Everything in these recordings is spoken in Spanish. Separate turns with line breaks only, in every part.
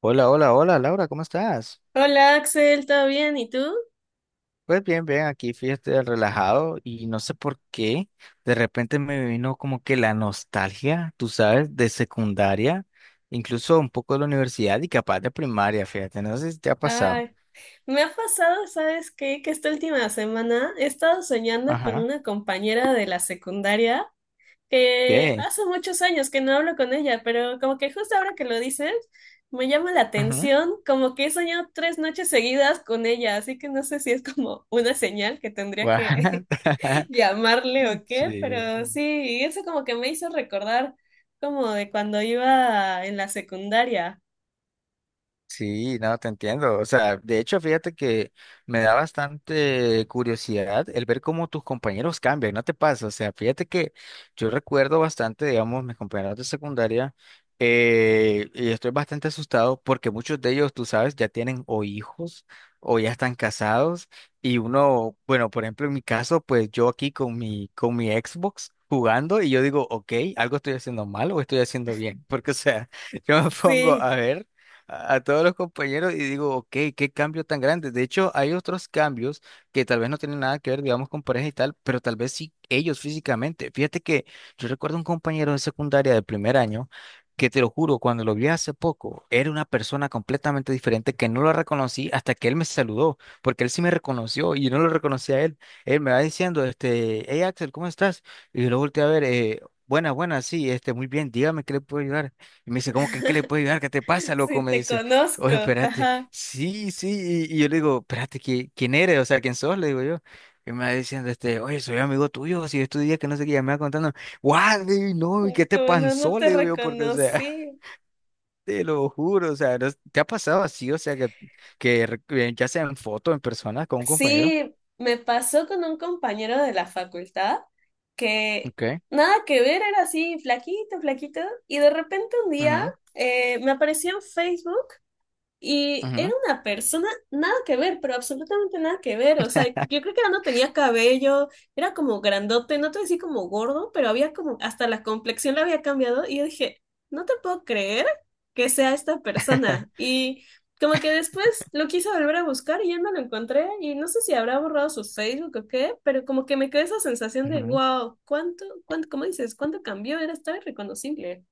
Hola, hola, hola, Laura, ¿cómo estás?
Hola Axel, ¿todo bien? ¿Y tú?
Pues bien, bien, aquí fíjate relajado y no sé por qué, de repente me vino como que la nostalgia, tú sabes, de secundaria, incluso un poco de la universidad y capaz de primaria, fíjate, no sé si te ha pasado.
Ay, me ha pasado, ¿sabes qué? Que esta última semana he estado soñando con
Ajá,
una compañera de la secundaria que
¿qué?
hace muchos años que no hablo con ella, pero como que justo ahora que lo dices, me llama la
Ujú.
atención, como que he soñado tres noches seguidas con ella, así que no sé si es como una señal que tendría
What?
que llamarle o qué,
Sí.
pero sí, y eso como que me hizo recordar como de cuando iba en la secundaria.
Sí, no, te entiendo. O sea, de hecho, fíjate que me da bastante curiosidad el ver cómo tus compañeros cambian, ¿no te pasa? O sea, fíjate que yo recuerdo bastante, digamos, mis compañeros de secundaria, y estoy bastante asustado porque muchos de ellos, tú sabes, ya tienen o hijos o ya están casados. Y uno, bueno, por ejemplo, en mi caso, pues yo aquí con mi Xbox jugando y yo digo, ok, algo estoy haciendo mal o estoy haciendo bien, porque o sea, yo me pongo
Sí.
a ver a todos los compañeros y digo, ok, qué cambio tan grande. De hecho, hay otros cambios que tal vez no tienen nada que ver, digamos, con pareja y tal, pero tal vez sí ellos físicamente. Fíjate que yo recuerdo un compañero de secundaria del primer año que te lo juro, cuando lo vi hace poco, era una persona completamente diferente que no lo reconocí hasta que él me saludó, porque él sí me reconoció y yo no lo reconocí a él. Él me va diciendo, este, hey Axel, ¿cómo estás? Y yo lo volteé a ver, buena, buena, sí, este, muy bien, dígame qué le puedo ayudar. Y me dice, ¿cómo que en qué le puedo ayudar? ¿Qué te pasa,
Sí,
loco? Me
te
dice,
conozco.
oye, espérate,
Ajá.
sí, sí. Y yo le digo, espérate, ¿quién eres? O sea, ¿quién sos? Le digo yo. Y me va diciendo, este, oye, soy amigo tuyo, si yo estudié, que no sé qué, ya me va contando, guau, le digo, no, ¿y qué te
Como no, no
pasó?
te
Le digo yo, porque, o sea,
reconocí.
te lo juro, o sea, ¿no es- ¿te ha pasado así? O sea, que, ya sea en foto, en persona, con un compañero.
Sí, me pasó con un compañero de la facultad que
Ok.
nada que ver, era así, flaquito, flaquito, y de repente un día
Ujú,
me apareció en Facebook. Y era
ujú,
una persona nada que ver, pero absolutamente nada que ver. O sea, yo creo que ya no tenía cabello, era como grandote, no te voy a decir como gordo, pero había como, hasta la complexión la había cambiado. Y yo dije, no te puedo creer que sea esta persona. Y como que después lo quise volver a buscar y ya no lo encontré. Y no sé si habrá borrado su Facebook o qué, pero como que me quedó esa sensación de,
ujú.
wow, ¿cuánto, cómo dices, cuánto cambió? Era, estaba irreconocible.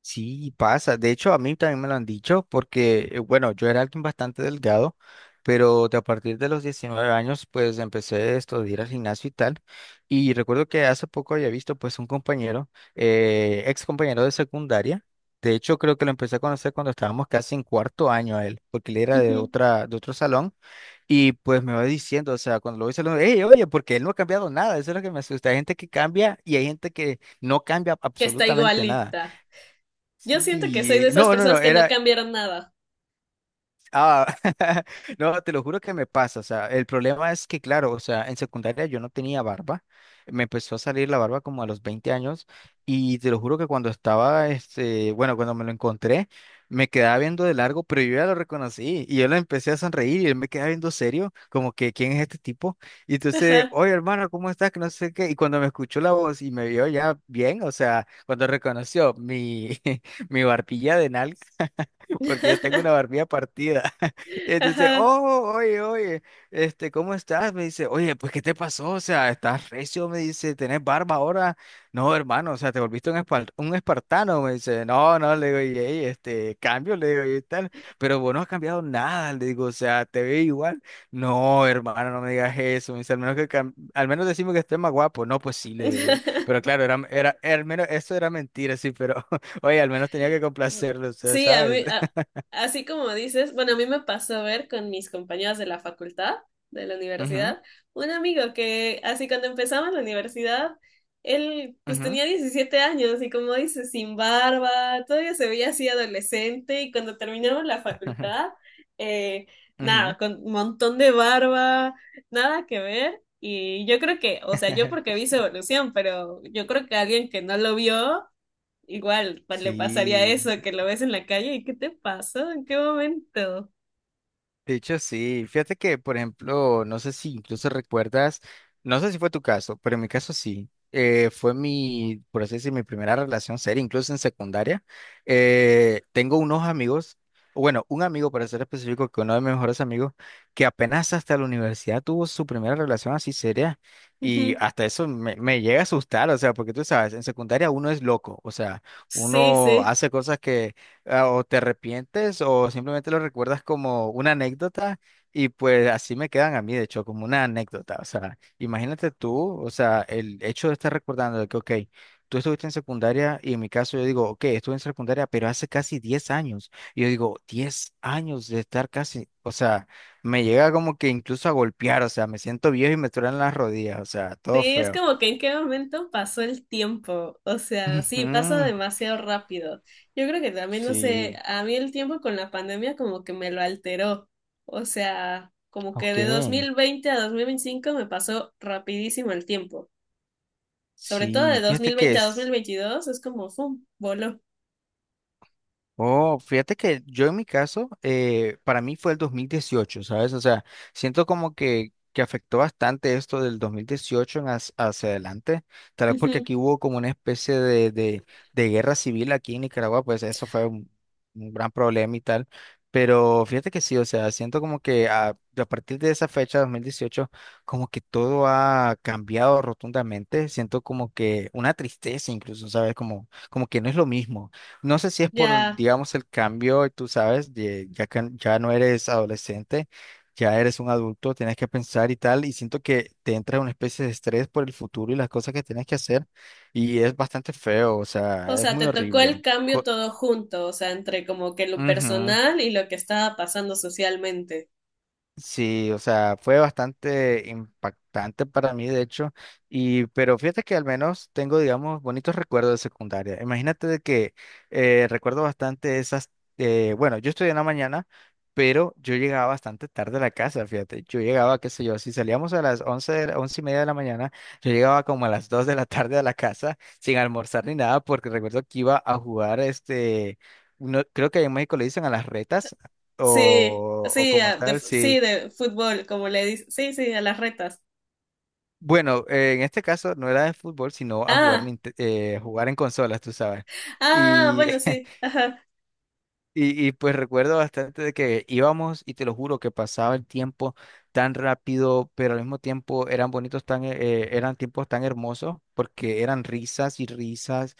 Sí, pasa. De hecho, a mí también me lo han dicho porque, bueno, yo era alguien bastante delgado, pero de a partir de los 19 años, pues empecé esto de ir al gimnasio y tal. Y recuerdo que hace poco había visto pues un compañero, ex compañero de secundaria. De hecho, creo que lo empecé a conocer cuando estábamos casi en cuarto año a él, porque él era de
Ujú.
otro salón. Y pues me va diciendo, o sea, cuando lo voy saludando, hey, oye, porque él no ha cambiado nada. Eso es lo que me asusta. Hay gente que cambia y hay gente que no cambia
Que está
absolutamente nada.
igualita. Yo siento que soy de
Sí,
esas
no, no, no,
personas que no
era,
cambiaron nada.
ah, no, te lo juro que me pasa, o sea, el problema es que, claro, o sea, en secundaria yo no tenía barba, me empezó a salir la barba como a los 20 años y te lo juro que cuando estaba, este, bueno, cuando me lo encontré, me quedaba viendo de largo, pero yo ya lo reconocí y yo le empecé a sonreír y él me quedaba viendo serio, como que, ¿quién es este tipo? Y entonces,
Ajá.
oye, hermano, ¿cómo estás? Que no sé qué, y cuando me escuchó la voz y me vio ya bien, o sea, cuando reconoció mi mi barbilla de nalga, porque yo tengo una barbilla partida. Entonces,
Ajá.
oh, oye, oye, este, ¿cómo estás? Me dice, oye, pues, ¿qué te pasó? O sea, ¿estás recio? Me dice, ¿tenés barba ahora? No, hermano, o sea, te volviste un, un espartano. Me dice, no, no, le digo, y ey, este, cambio, le digo, y tal, pero vos no has cambiado nada, le digo, o sea, te veo igual. No, hermano, no me digas eso. Me dice, al menos que, al menos decimos que estés más guapo. No, pues sí, le digo yo. Pero claro, era, era, al menos eso era mentira, sí, pero oye, al menos tenía que complacerlo, o sea,
Sí, a
¿sabes?
mí, así como dices, bueno, a mí me pasó a ver con mis compañeras de la facultad, de la
Ujú,
universidad, un amigo que así cuando empezaba la universidad, él pues
ujú,
tenía 17 años y como dices, sin barba, todavía se veía así adolescente y cuando terminamos la facultad, eh,
ujú.
nada, con un montón de barba, nada que ver. Y yo creo que, o sea, yo porque vi su evolución, pero yo creo que alguien que no lo vio igual le pasaría
Sí.
eso, que lo ves en la calle y ¿qué te pasó? ¿En qué momento?
De hecho, sí. Fíjate que, por ejemplo, no sé si incluso recuerdas, no sé si fue tu caso, pero en mi caso sí. Fue mi, por así decir, mi primera relación seria, incluso en secundaria. Tengo unos amigos, o bueno, un amigo para ser específico, que uno de mis mejores amigos, que apenas hasta la universidad tuvo su primera relación así seria. Y
Ujú.
hasta eso me llega a asustar, o sea, porque tú sabes, en secundaria uno es loco, o sea,
Sí,
uno
sí.
hace cosas, ah, o te arrepientes o simplemente lo recuerdas como una anécdota, y pues así me quedan a mí, de hecho, como una anécdota. O sea, imagínate tú, o sea, el hecho de estar recordando de que, ok, tú estuviste en secundaria y en mi caso yo digo, ok, estuve en secundaria, pero hace casi 10 años. Y yo digo, 10 años de estar casi, o sea, me llega como que incluso a golpear, o sea, me siento viejo y me truenan las rodillas, o sea, todo
Sí, es
feo.
como que en qué momento pasó el tiempo. O sea,
Ujú,
sí, pasa demasiado rápido. Yo creo que también, no sé,
sí,
a mí el tiempo con la pandemia como que me lo alteró. O sea, como que
ok.
de 2020 a 2025 me pasó rapidísimo el tiempo. Sobre todo de
Sí,
dos
fíjate
mil
que
veinte a dos mil
es.
veintidós es como, ¡fum! Voló.
Oh, fíjate que yo en mi caso, para mí fue el 2018, ¿sabes? O sea, siento como que afectó bastante esto del 2018 en hacia adelante, tal vez porque
Ujú.
aquí hubo como una especie de guerra civil aquí en Nicaragua, pues eso fue un gran problema y tal, pero fíjate que sí, o sea, siento como que a partir de esa fecha, 2018, como que todo ha cambiado rotundamente, siento como que una tristeza incluso, ¿sabes? Como, como que no es lo mismo. No sé si es por,
Ya.
digamos, el cambio, tú sabes, ya que ya no eres adolescente, ya eres un adulto, tienes que pensar y tal, y siento que te entra una especie de estrés por el futuro y las cosas que tienes que hacer, y es bastante feo, o
O
sea, es
sea,
muy
te tocó el
horrible.
cambio
Co-
todo junto, o sea, entre como que lo
Ujú.
personal y lo que estaba pasando socialmente.
Sí, o sea, fue bastante impactante para mí, de hecho, y pero fíjate que al menos tengo, digamos, bonitos recuerdos de secundaria. Imagínate de que recuerdo bastante esas, bueno, yo estudié en la mañana, pero yo llegaba bastante tarde a la casa, fíjate, yo llegaba, qué sé yo, si salíamos a las 11, 11 y media de la mañana, yo llegaba como a las 2 de la tarde a la casa sin almorzar ni nada, porque recuerdo que iba a jugar, este, no, creo que en México le dicen a las retas.
Sí,
O
sí,
como tal, sí.
sí, de fútbol, como le dice. Sí, sí, a las retas.
Bueno, en este caso no era de fútbol, sino a jugar,
Ah,
jugar en consolas, tú sabes.
ah,
Y
bueno, sí, ajá.
y pues recuerdo bastante de que íbamos y te lo juro que pasaba el tiempo tan rápido, pero al mismo tiempo eran bonitos, tan, eran tiempos tan hermosos porque eran risas y risas,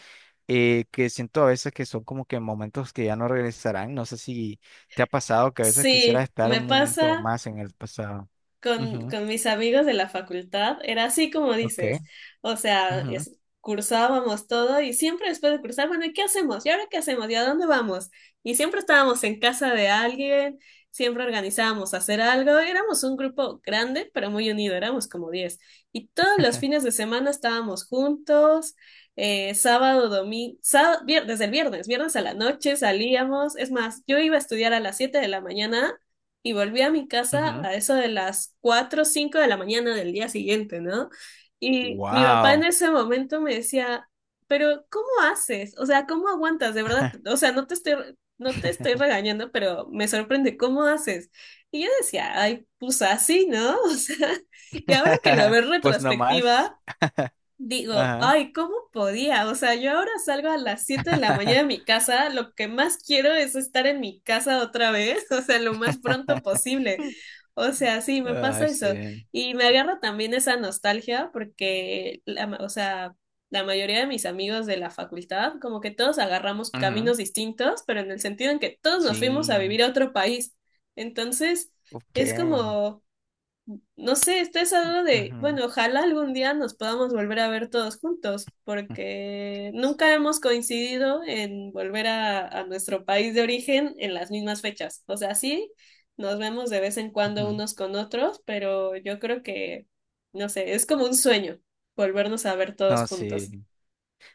que siento a veces que son como que momentos que ya no regresarán. No sé si te ha pasado que a veces quisieras
Sí,
estar
me
un momento
pasa.
más en el pasado.
con,
Ujú,
con mis amigos de la facultad era así como
ok.
dices, o sea,
Ujú,
cursábamos todo y siempre después de cursar, bueno, ¿y qué hacemos? ¿Y ahora qué hacemos? ¿Y a dónde vamos? Y siempre estábamos en casa de alguien, siempre organizábamos hacer algo, éramos un grupo grande, pero muy unido, éramos como 10. Y todos los fines de semana estábamos juntos, sábado, domingo, desde el viernes, viernes a la noche salíamos, es más, yo iba a estudiar a las 7 de la mañana y volví a mi casa
ujú.
a eso de las 4 o 5 de la mañana del día siguiente, ¿no? Y mi papá en
Wow.
ese momento me decía, pero ¿cómo haces? O sea, ¿cómo aguantas? De verdad, o sea, no te estoy regañando, pero me sorprende, ¿cómo haces? Y yo decía, ay, pues así, ¿no? O sea, y ahora que lo veo en
Pues nomás.
retrospectiva, digo,
Ajá.
ay, ¿cómo podía? O sea, yo ahora salgo a las 7 de la mañana de mi casa, lo que más quiero es estar en mi casa otra vez, o sea, lo más pronto posible. O sea, sí, me
Ah,
pasa eso.
sí.
Y me agarra también esa nostalgia porque, o sea, la mayoría de mis amigos de la facultad, como que todos agarramos
Ujú,
caminos distintos, pero en el sentido en que todos nos fuimos a
sí.
vivir a otro país. Entonces,
Ok.
es como, no sé, estoy hablando de,
Ujú,
bueno, ojalá algún día nos podamos volver a ver todos juntos, porque nunca hemos coincidido en volver a nuestro país de origen en las mismas fechas. O sea, sí, nos vemos de vez en cuando
ujú.
unos con otros, pero yo creo que, no sé, es como un sueño volvernos a ver todos
No,
juntos.
sí.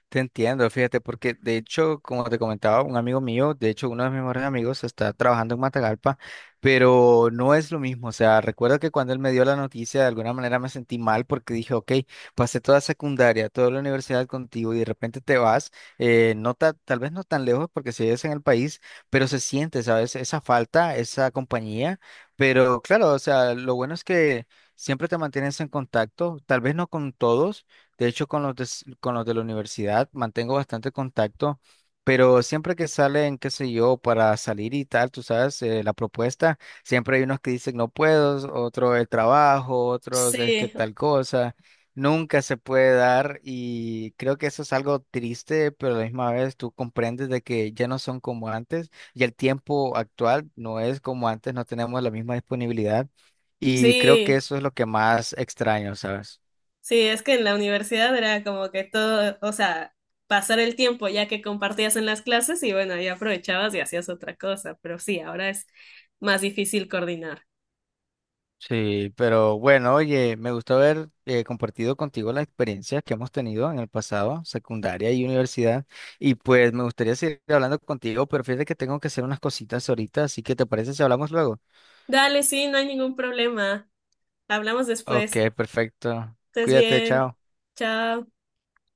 Te entiendo, fíjate, porque de hecho, como te comentaba, un amigo mío, de hecho uno de mis mejores amigos, está trabajando en Matagalpa, pero no es lo mismo. O sea, recuerdo que cuando él me dio la noticia, de alguna manera me sentí mal porque dije, ok, pasé toda secundaria, toda la universidad contigo y de repente te vas, tal vez no tan lejos porque sigues en el país, pero se siente, ¿sabes? Esa falta, esa compañía, pero claro, o sea, lo bueno es que siempre te mantienes en contacto, tal vez no con todos, de hecho, con los con los de la universidad mantengo bastante contacto, pero siempre que salen, qué sé yo, para salir y tal, tú sabes, la propuesta, siempre hay unos que dicen no puedo, otros el trabajo, otros es que
Sí,
tal cosa. Nunca se puede dar y creo que eso es algo triste, pero a la misma vez tú comprendes de que ya no son como antes y el tiempo actual no es como antes, no tenemos la misma disponibilidad y creo que
sí.
eso es lo que más extraño, ¿sabes?
Sí, es que en la universidad era como que todo, o sea, pasar el tiempo ya que compartías en las clases y bueno, ahí aprovechabas y hacías otra cosa, pero sí, ahora es más difícil coordinar.
Sí, pero bueno, oye, me gustó haber compartido contigo las experiencias que hemos tenido en el pasado, secundaria y universidad, y pues me gustaría seguir hablando contigo, pero fíjate que tengo que hacer unas cositas ahorita, así que ¿te parece si hablamos luego?
Dale, sí, no hay ningún problema. Hablamos
Ok,
después.
perfecto.
Estés
Cuídate,
bien.
chao.
Chao.